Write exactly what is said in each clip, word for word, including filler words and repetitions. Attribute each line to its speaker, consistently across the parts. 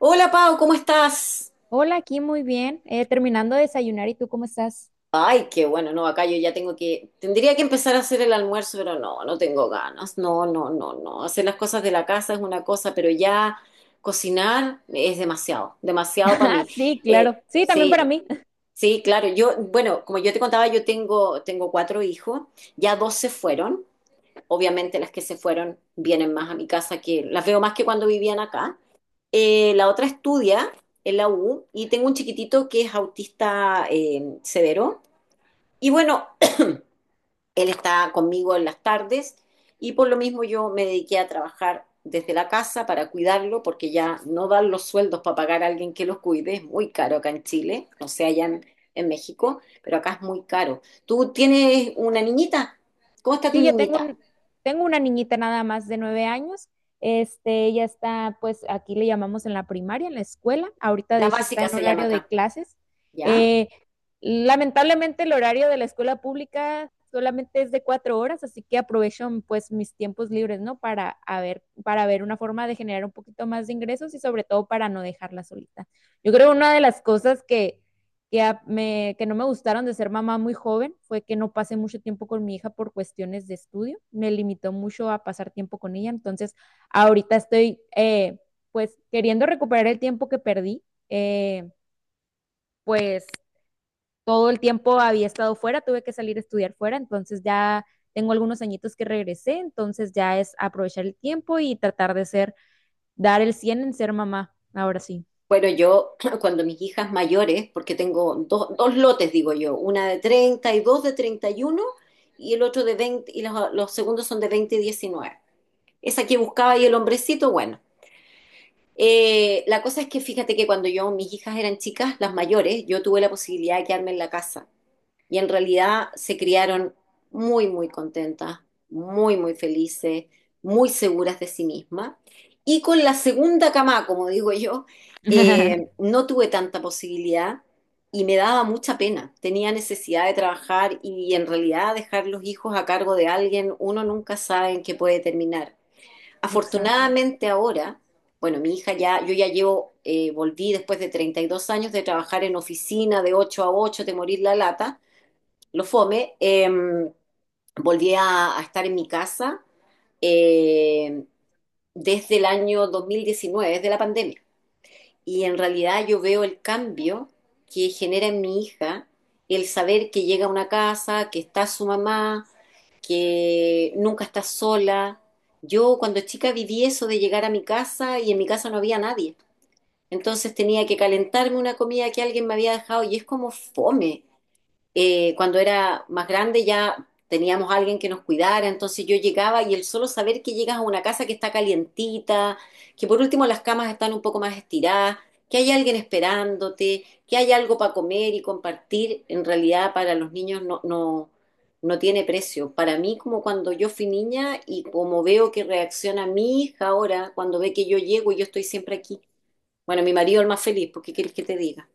Speaker 1: Hola Pau, ¿cómo estás?
Speaker 2: Hola, aquí muy bien. Eh, terminando de desayunar, ¿y tú cómo estás?
Speaker 1: Ay, qué bueno, no, acá yo ya tengo que, tendría que empezar a hacer el almuerzo, pero no, no tengo ganas, no, no, no, no. Hacer las cosas de la casa es una cosa, pero ya cocinar es demasiado, demasiado para
Speaker 2: Ah,
Speaker 1: mí.
Speaker 2: sí, claro.
Speaker 1: Eh,
Speaker 2: Sí, también
Speaker 1: sí,
Speaker 2: para
Speaker 1: no,
Speaker 2: mí.
Speaker 1: sí, claro, yo, bueno, como yo te contaba, yo tengo, tengo cuatro hijos, ya dos se fueron, obviamente las que se fueron vienen más a mi casa que, las veo más que cuando vivían acá. Eh, la otra estudia en la U y tengo un chiquitito que es autista, eh, severo. Y bueno, él está conmigo en las tardes y por lo mismo yo me dediqué a trabajar desde la casa para cuidarlo porque ya no dan los sueldos para pagar a alguien que los cuide, es muy caro acá en Chile, no sé allá en, en México, pero acá es muy caro. ¿Tú tienes una niñita? ¿Cómo está tu
Speaker 2: Sí, yo tengo
Speaker 1: niñita?
Speaker 2: un, tengo una niñita nada más de nueve años. Este, ella está, pues, aquí le llamamos en la primaria, en la escuela. Ahorita, de
Speaker 1: La
Speaker 2: hecho, está
Speaker 1: básica
Speaker 2: en
Speaker 1: se llama
Speaker 2: horario de
Speaker 1: acá,
Speaker 2: clases.
Speaker 1: ¿ya?
Speaker 2: Eh, Lamentablemente, el horario de la escuela pública solamente es de cuatro horas, así que aprovecho, pues, mis tiempos libres, ¿no? Para a ver, para ver una forma de generar un poquito más de ingresos y sobre todo para no dejarla solita. Yo creo que una de las cosas que que, a- me, que no me gustaron de ser mamá muy joven fue que no pasé mucho tiempo con mi hija por cuestiones de estudio. Me limitó mucho a pasar tiempo con ella. Entonces, ahorita estoy, eh, pues, queriendo recuperar el tiempo que perdí. Eh, pues todo el tiempo había estado fuera, tuve que salir a estudiar fuera. Entonces ya tengo algunos añitos que regresé. Entonces ya es aprovechar el tiempo y tratar de ser, dar el cien en ser mamá. Ahora sí.
Speaker 1: Bueno, yo cuando mis hijas mayores, porque tengo dos, dos lotes, digo yo, una de treinta y dos de treinta y uno y el otro de veinte y los, los segundos son de veinte y diecinueve. Esa que buscaba y el hombrecito, bueno. Eh, la cosa es que fíjate que cuando yo, mis hijas eran chicas, las mayores, yo tuve la posibilidad de quedarme en la casa y en realidad se criaron muy, muy contentas, muy, muy felices, muy seguras de sí mismas. Y con la segunda cama, como digo yo, eh, no tuve tanta posibilidad y me daba mucha pena. Tenía necesidad de trabajar y en realidad dejar los hijos a cargo de alguien, uno nunca sabe en qué puede terminar.
Speaker 2: Exacto.
Speaker 1: Afortunadamente ahora, bueno, mi hija ya, yo ya llevo, eh, volví después de treinta y dos años de trabajar en oficina de ocho a ocho de morir la lata, lo fome, em, volví a, a estar en mi casa, eh, desde el año dos mil diecinueve, desde la pandemia. Y en realidad yo veo el cambio que genera en mi hija el saber que llega a una casa, que está su mamá, que nunca está sola. Yo cuando chica viví eso de llegar a mi casa y en mi casa no había nadie. Entonces tenía que calentarme una comida que alguien me había dejado y es como fome. Eh, cuando era más grande ya teníamos a alguien que nos cuidara, entonces yo llegaba y el solo saber que llegas a una casa que está calientita, que por último las camas están un poco más estiradas, que hay alguien esperándote, que hay algo para comer y compartir, en realidad para los niños no, no, no tiene precio. Para mí, como cuando yo fui niña y como veo que reacciona mi hija ahora, cuando ve que yo llego y yo estoy siempre aquí. Bueno, mi marido es el más feliz, ¿por qué quieres que te diga?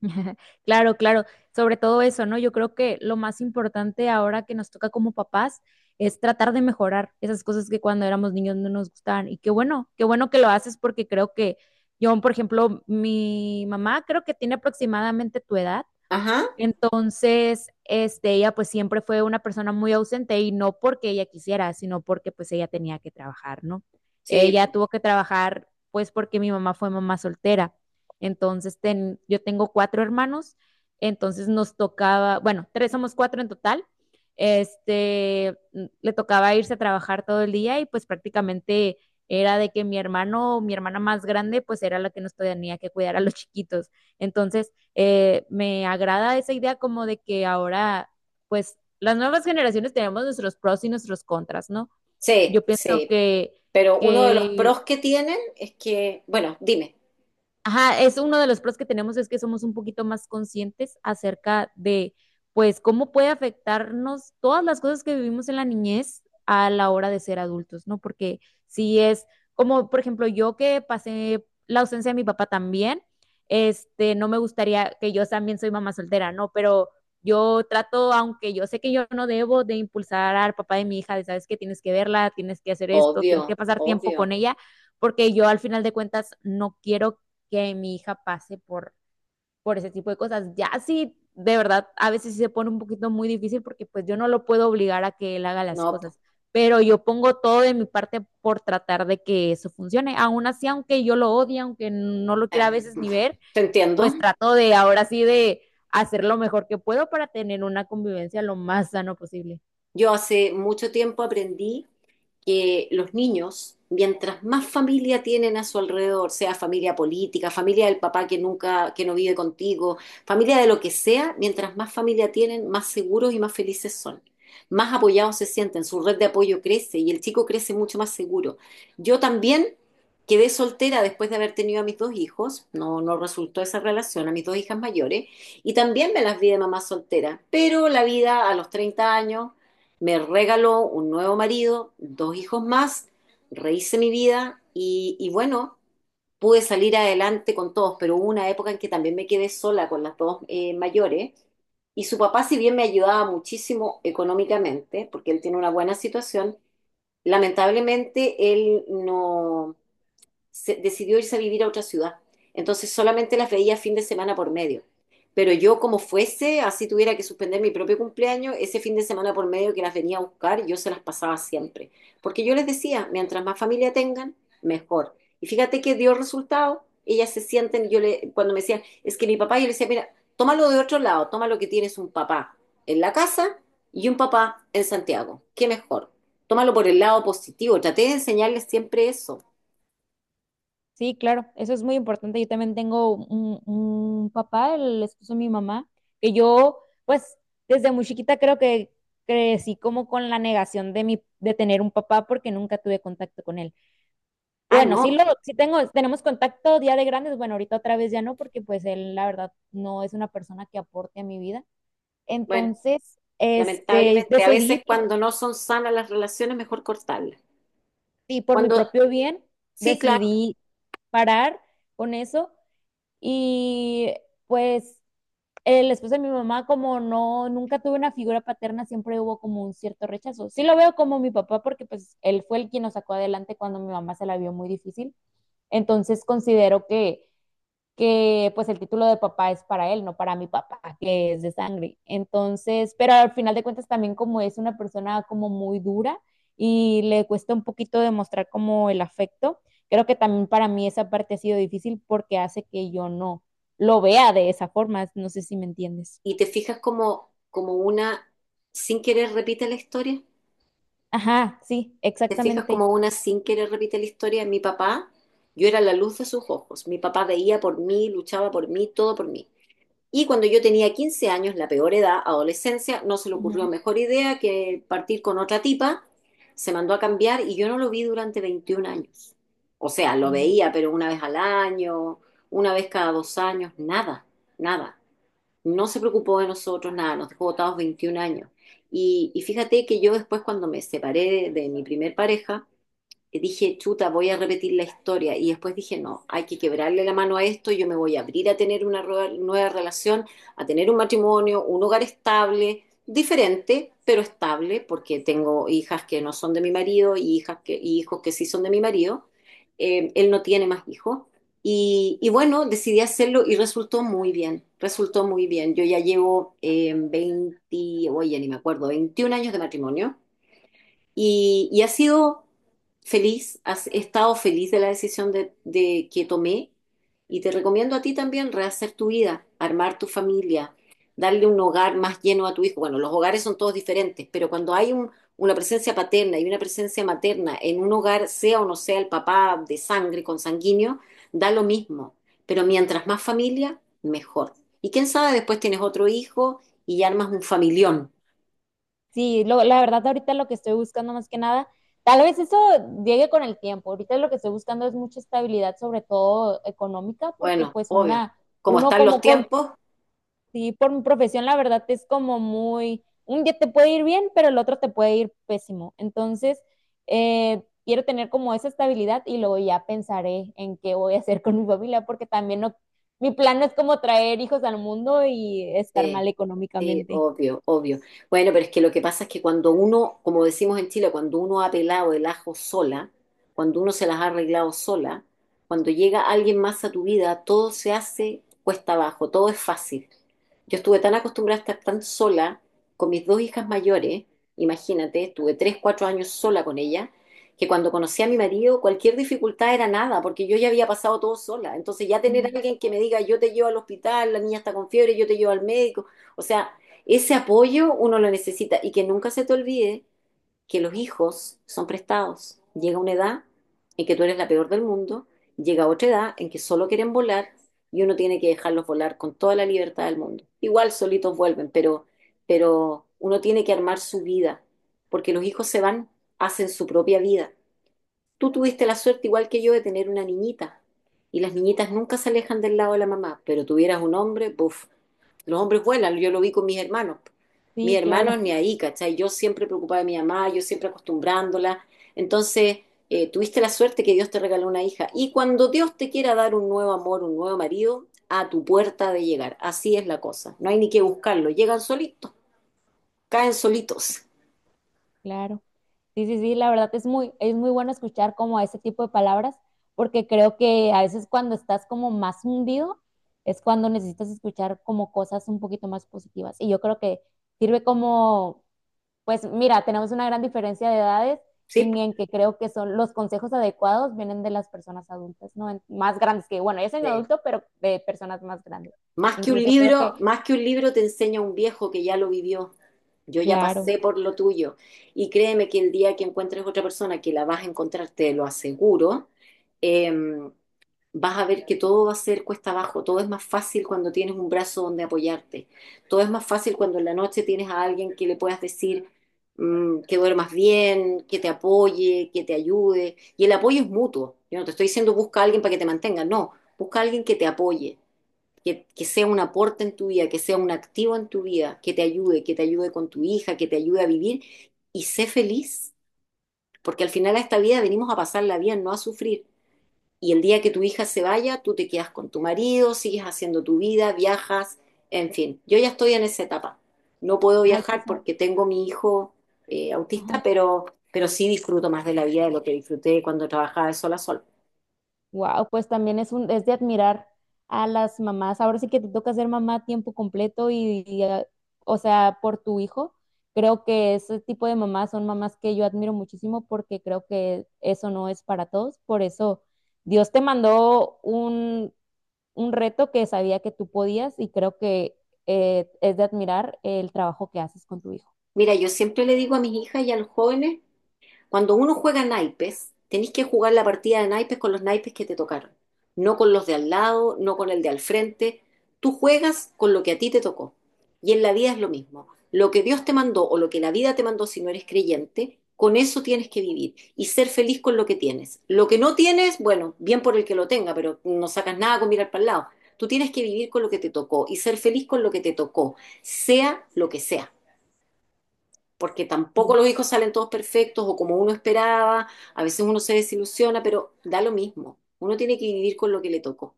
Speaker 2: Claro, claro, sobre todo eso, ¿no? Yo creo que lo más importante ahora que nos toca como papás es tratar de mejorar esas cosas que cuando éramos niños no nos gustaban. Y qué bueno, qué bueno que lo haces, porque creo que yo, por ejemplo, mi mamá creo que tiene aproximadamente tu edad.
Speaker 1: Ajá,
Speaker 2: Entonces, este, ella pues siempre fue una persona muy ausente, y no porque ella quisiera, sino porque pues ella tenía que trabajar, ¿no?
Speaker 1: sí,
Speaker 2: Ella tuvo que trabajar pues porque mi mamá fue mamá soltera. Entonces, ten- yo tengo cuatro hermanos, entonces nos tocaba, bueno, tres, somos cuatro en total. Este, n- le tocaba irse a trabajar todo el día, y pues prácticamente era de que mi hermano, mi hermana más grande, pues era la que nos tenía que cuidar a los chiquitos. Entonces, eh, me agrada esa idea como de que ahora, pues, las nuevas generaciones tenemos nuestros pros y nuestros contras, ¿no?
Speaker 1: sí,
Speaker 2: Yo pienso
Speaker 1: sí.
Speaker 2: que,
Speaker 1: Pero uno de los
Speaker 2: que
Speaker 1: pros que tienen es que, bueno, dime,
Speaker 2: ajá, es uno de los pros que tenemos, es que somos un poquito más conscientes acerca de, pues, cómo puede afectarnos todas las cosas que vivimos en la niñez a la hora de ser adultos, ¿no? Porque si es como, por ejemplo, yo que pasé la ausencia de mi papá también, este, no me gustaría, que yo también soy mamá soltera, ¿no? Pero yo trato, aunque yo sé que yo no debo de impulsar al papá de mi hija, de, sabes que tienes que verla, tienes que hacer esto, tienes
Speaker 1: obvio,
Speaker 2: que pasar tiempo con
Speaker 1: obvio,
Speaker 2: ella, porque yo al final de cuentas no quiero que mi hija pase por, por ese tipo de cosas. Ya sí, de verdad, a veces sí se pone un poquito muy difícil, porque pues yo no lo puedo obligar a que él haga las
Speaker 1: no, po-,
Speaker 2: cosas, pero yo pongo todo de mi parte por tratar de que eso funcione. Aún así, aunque yo lo odie, aunque no lo quiera a
Speaker 1: eh,
Speaker 2: veces ni ver,
Speaker 1: te entiendo.
Speaker 2: pues trato de ahora sí de hacer lo mejor que puedo para tener una convivencia lo más sano posible.
Speaker 1: Yo hace mucho tiempo aprendí que los niños, mientras más familia tienen a su alrededor, sea familia política, familia del papá que nunca, que no vive contigo, familia de lo que sea, mientras más familia tienen, más seguros y más felices son. Más apoyados se sienten, su red de apoyo crece y el chico crece mucho más seguro. Yo también quedé soltera después de haber tenido a mis dos hijos, no, no resultó esa relación, a mis dos hijas mayores, y también me las vi de mamá soltera, pero la vida a los treinta años me regaló un nuevo marido, dos hijos más, rehice mi vida y, y bueno, pude salir adelante con todos, pero hubo una época en que también me quedé sola con las dos, eh, mayores y su papá, si bien me ayudaba muchísimo económicamente, porque él tiene una buena situación, lamentablemente él no, se, decidió irse a vivir a otra ciudad. Entonces solamente las veía fin de semana por medio. Pero yo como fuese, así tuviera que suspender mi propio cumpleaños, ese fin de semana por medio que las venía a buscar, yo se las pasaba siempre. Porque yo les decía, mientras más familia tengan, mejor. Y fíjate que dio resultado, ellas se sienten, yo le, cuando me decían, es que mi papá, yo le decía, mira, tómalo de otro lado, toma lo que tienes un papá en la casa y un papá en Santiago. ¿Qué mejor? Tómalo por el lado positivo. Traté de enseñarles siempre eso.
Speaker 2: Sí, claro, eso es muy importante. Yo también tengo un, un papá, el esposo de mi mamá, que yo, pues, desde muy chiquita creo que crecí como con la negación de mi, de tener un papá, porque nunca tuve contacto con él.
Speaker 1: Ah,
Speaker 2: Bueno, sí
Speaker 1: no.
Speaker 2: lo, sí tengo, tenemos contacto día de grandes, bueno, ahorita otra vez ya no, porque pues él, la verdad, no es una persona que aporte a mi vida.
Speaker 1: Bueno,
Speaker 2: Entonces, este,
Speaker 1: lamentablemente, a
Speaker 2: decidí
Speaker 1: veces
Speaker 2: por,
Speaker 1: cuando no son sanas las relaciones, mejor cortarlas.
Speaker 2: y por mi
Speaker 1: Cuando,
Speaker 2: propio bien,
Speaker 1: sí, claro,
Speaker 2: decidí parar con eso. Y pues el esposo de mi mamá, como no, nunca tuve una figura paterna, siempre hubo como un cierto rechazo. Sí lo veo como mi papá, porque pues él fue el quien nos sacó adelante cuando mi mamá se la vio muy difícil. Entonces considero que, que pues el título de papá es para él, no para mi papá, que es de sangre. Entonces, pero al final de cuentas, también como es una persona como muy dura y le cuesta un poquito demostrar como el afecto, creo que también para mí esa parte ha sido difícil, porque hace que yo no lo vea de esa forma, no sé si me entiendes.
Speaker 1: y te fijas como, como una, sin querer repite la historia,
Speaker 2: Ajá, sí,
Speaker 1: te fijas
Speaker 2: exactamente.
Speaker 1: como una sin querer repite la historia, mi papá, yo era la luz de sus ojos, mi papá veía por mí, luchaba por mí, todo por mí. Y cuando yo tenía quince años, la peor edad, adolescencia, no se le ocurrió
Speaker 2: Ujú.
Speaker 1: mejor idea que partir con otra tipa. Se mandó a cambiar y yo no lo vi durante veintiún años. O sea, lo
Speaker 2: Wow.
Speaker 1: veía, pero una vez al año, una vez cada dos años, nada, nada. No se preocupó de nosotros, nada, nos dejó botados veintiún años. Y, y fíjate que yo después cuando me separé de mi primer pareja, dije, chuta, voy a repetir la historia. Y después dije, no, hay que quebrarle la mano a esto, yo me voy a abrir a tener una nueva relación, a tener un matrimonio, un hogar estable, diferente, pero estable, porque tengo hijas que no son de mi marido y hijas que, y hijos que sí son de mi marido. Eh, él no tiene más hijos. Y, y bueno, decidí hacerlo y resultó muy bien, resultó muy bien. Yo ya llevo, eh, veinte, oye, ni me acuerdo, veintiún años de matrimonio. Y, y ha sido feliz, has- he estado feliz de la decisión de, de que tomé y te recomiendo a ti también rehacer tu vida, armar tu familia, darle un hogar más lleno a tu hijo. Bueno, los hogares son todos diferentes, pero cuando hay un-, una presencia paterna y una presencia materna en un hogar, sea o no sea el papá de sangre, consanguíneo, da lo mismo. Pero mientras más familia, mejor. Y quién sabe, después tienes otro hijo y ya armas un familión.
Speaker 2: Sí, lo- la verdad, ahorita lo que estoy buscando más que nada, tal vez eso llegue con el tiempo. Ahorita lo que estoy buscando es mucha estabilidad, sobre todo económica, porque
Speaker 1: Bueno,
Speaker 2: pues
Speaker 1: obvio.
Speaker 2: una,
Speaker 1: Como
Speaker 2: uno
Speaker 1: están los
Speaker 2: como com-
Speaker 1: tiempos,
Speaker 2: sí, por mi profesión, la verdad es como muy, un día te puede ir bien, pero el otro te puede ir pésimo. Entonces, eh, quiero tener como esa estabilidad y luego ya pensaré en qué voy a hacer con mi familia, porque también no, mi plan no es como traer hijos al mundo y estar mal
Speaker 1: sí, sí,
Speaker 2: económicamente.
Speaker 1: obvio, obvio. Bueno, pero es que lo que pasa es que cuando uno, como decimos en Chile, cuando uno ha pelado el ajo sola, cuando uno se las ha arreglado sola, cuando llega alguien más a tu vida, todo se hace cuesta abajo, todo es fácil. Yo estuve tan acostumbrada a estar tan sola con mis dos hijas mayores, imagínate, estuve tres, cuatro años sola con ellas, que cuando conocí a mi marido, cualquier dificultad era nada, porque yo ya había pasado todo sola. Entonces ya tener a
Speaker 2: Ujú.
Speaker 1: alguien que me diga, yo te llevo al hospital, la niña está con fiebre, yo te llevo al médico. O sea, ese apoyo uno lo necesita y que nunca se te olvide que los hijos son prestados. Llega una edad en que tú eres la peor del mundo, llega otra edad en que solo quieren volar y uno tiene que dejarlos volar con toda la libertad del mundo. Igual solitos vuelven, pero, pero uno tiene que armar su vida, porque los hijos se van, hacen su propia vida. Tú tuviste la suerte, igual que yo, de tener una niñita. Y las niñitas nunca se alejan del lado de la mamá, pero tuvieras un hombre, buf, los hombres vuelan, yo lo vi con mis hermanos. Mis
Speaker 2: Sí,
Speaker 1: hermanos
Speaker 2: claro,
Speaker 1: ni ahí, ¿cachai? Yo siempre preocupada de mi mamá, yo siempre acostumbrándola. Entonces, eh, tuviste la suerte que Dios te regaló una hija. Y cuando Dios te quiera dar un nuevo amor, un nuevo marido, a tu puerta ha de llegar. Así es la cosa. No hay ni que buscarlo. Llegan solitos, caen solitos.
Speaker 2: claro. Sí, sí, sí, la verdad es muy, es muy bueno escuchar como ese tipo de palabras, porque creo que a veces cuando estás como más hundido es cuando necesitas escuchar como cosas un poquito más positivas. Y yo creo que sirve como, pues mira, tenemos una gran diferencia de edades,
Speaker 1: ¿Sí?
Speaker 2: y en que creo que son los consejos adecuados vienen de las personas adultas, ¿no? En- Más grandes que, bueno, yo soy un
Speaker 1: Sí.
Speaker 2: adulto, pero de personas más grandes.
Speaker 1: Más que un
Speaker 2: Incluso creo
Speaker 1: libro,
Speaker 2: que,
Speaker 1: más que un libro te enseña un viejo que ya lo vivió. Yo ya
Speaker 2: claro,
Speaker 1: pasé por lo tuyo. Y créeme que el día que encuentres otra persona que la vas a encontrar, te lo aseguro, eh, vas a ver que todo va a ser cuesta abajo. Todo es más fácil cuando tienes un brazo donde apoyarte. Todo es más fácil cuando en la noche tienes a alguien que le puedas decir mm, que duermas bien, que te apoye, que te ayude. Y el apoyo es mutuo. Yo no te estoy diciendo busca a alguien para que te mantenga. No, busca a alguien que te apoye que, que sea un aporte en tu vida, que sea un activo en tu vida, que te ayude, que te ayude con tu hija, que te ayude a vivir y sé feliz, porque al final a esta vida venimos a pasarla bien, no a sufrir. Y el día que tu hija se vaya, tú te quedas con tu marido, sigues haciendo tu vida, viajas, en fin. Yo ya estoy en esa etapa. No puedo
Speaker 2: hay que
Speaker 1: viajar
Speaker 2: saber.
Speaker 1: porque tengo mi hijo, eh, autista, pero, pero sí disfruto más de la vida de lo que disfruté cuando trabajaba de sol a sol.
Speaker 2: Wow, pues también es un, es de admirar a las mamás. Ahora sí que te toca ser mamá a tiempo completo y, y, eh, o sea, por tu hijo. Creo que ese tipo de mamás son mamás que yo admiro muchísimo, porque creo que eso no es para todos. Por eso Dios te mandó un, un reto que sabía que tú podías, y creo que, eh, es de admirar el trabajo que haces con tu hijo.
Speaker 1: Mira, yo siempre le digo a mis hijas y a los jóvenes cuando uno juega naipes, tenés que jugar la partida de naipes con los naipes que te tocaron, no con los de al lado, no con el de al frente. Tú juegas con lo que a ti te tocó. Y en la vida es lo mismo. Lo que Dios te mandó o lo que la vida te mandó si no eres creyente, con eso tienes que vivir y ser feliz con lo que tienes. Lo que no tienes, bueno, bien por el que lo tenga, pero no sacas nada con mirar para el lado. Tú tienes que vivir con lo que te tocó y ser feliz con lo que te tocó, sea lo que sea porque tampoco
Speaker 2: Sí,
Speaker 1: los hijos salen todos perfectos o como uno esperaba, a veces uno se desilusiona, pero da lo mismo. Uno tiene que vivir con lo que le tocó.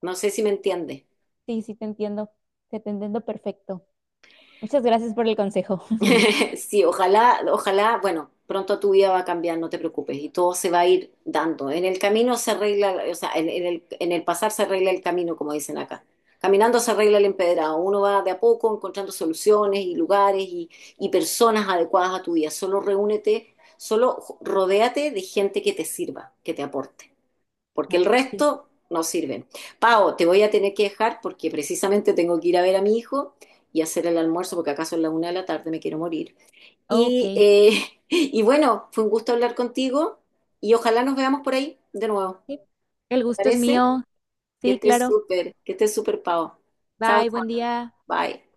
Speaker 1: No sé si me entiendes.
Speaker 2: sí, sí, te entiendo. Te te entiendo perfecto. Muchas gracias por el consejo.
Speaker 1: Sí, ojalá, ojalá, bueno, pronto tu vida va a cambiar, no te preocupes, y todo se va a ir dando. En el camino se arregla, o sea, en, en el, en el pasar se arregla el camino, como dicen acá. Caminando se arregla el empedrado. Uno va de a poco encontrando soluciones y lugares y, y personas adecuadas a tu vida. Solo reúnete, solo jo- rodéate de gente que te sirva, que te aporte, porque el
Speaker 2: Wow, sí.
Speaker 1: resto no sirve. Pao, te voy a tener que dejar porque precisamente tengo que ir a ver a mi hijo y hacer el almuerzo porque acaso es la una de la tarde, me quiero morir.
Speaker 2: Ok.
Speaker 1: Y, eh, y bueno, fue un gusto hablar contigo y ojalá nos veamos por ahí de nuevo.
Speaker 2: Sí, el
Speaker 1: ¿Te
Speaker 2: gusto es
Speaker 1: parece?
Speaker 2: mío.
Speaker 1: Que
Speaker 2: Sí,
Speaker 1: estés
Speaker 2: claro.
Speaker 1: súper, que estés súper, Pau. Chao,
Speaker 2: Bye, buen
Speaker 1: chao.
Speaker 2: día.
Speaker 1: Bye.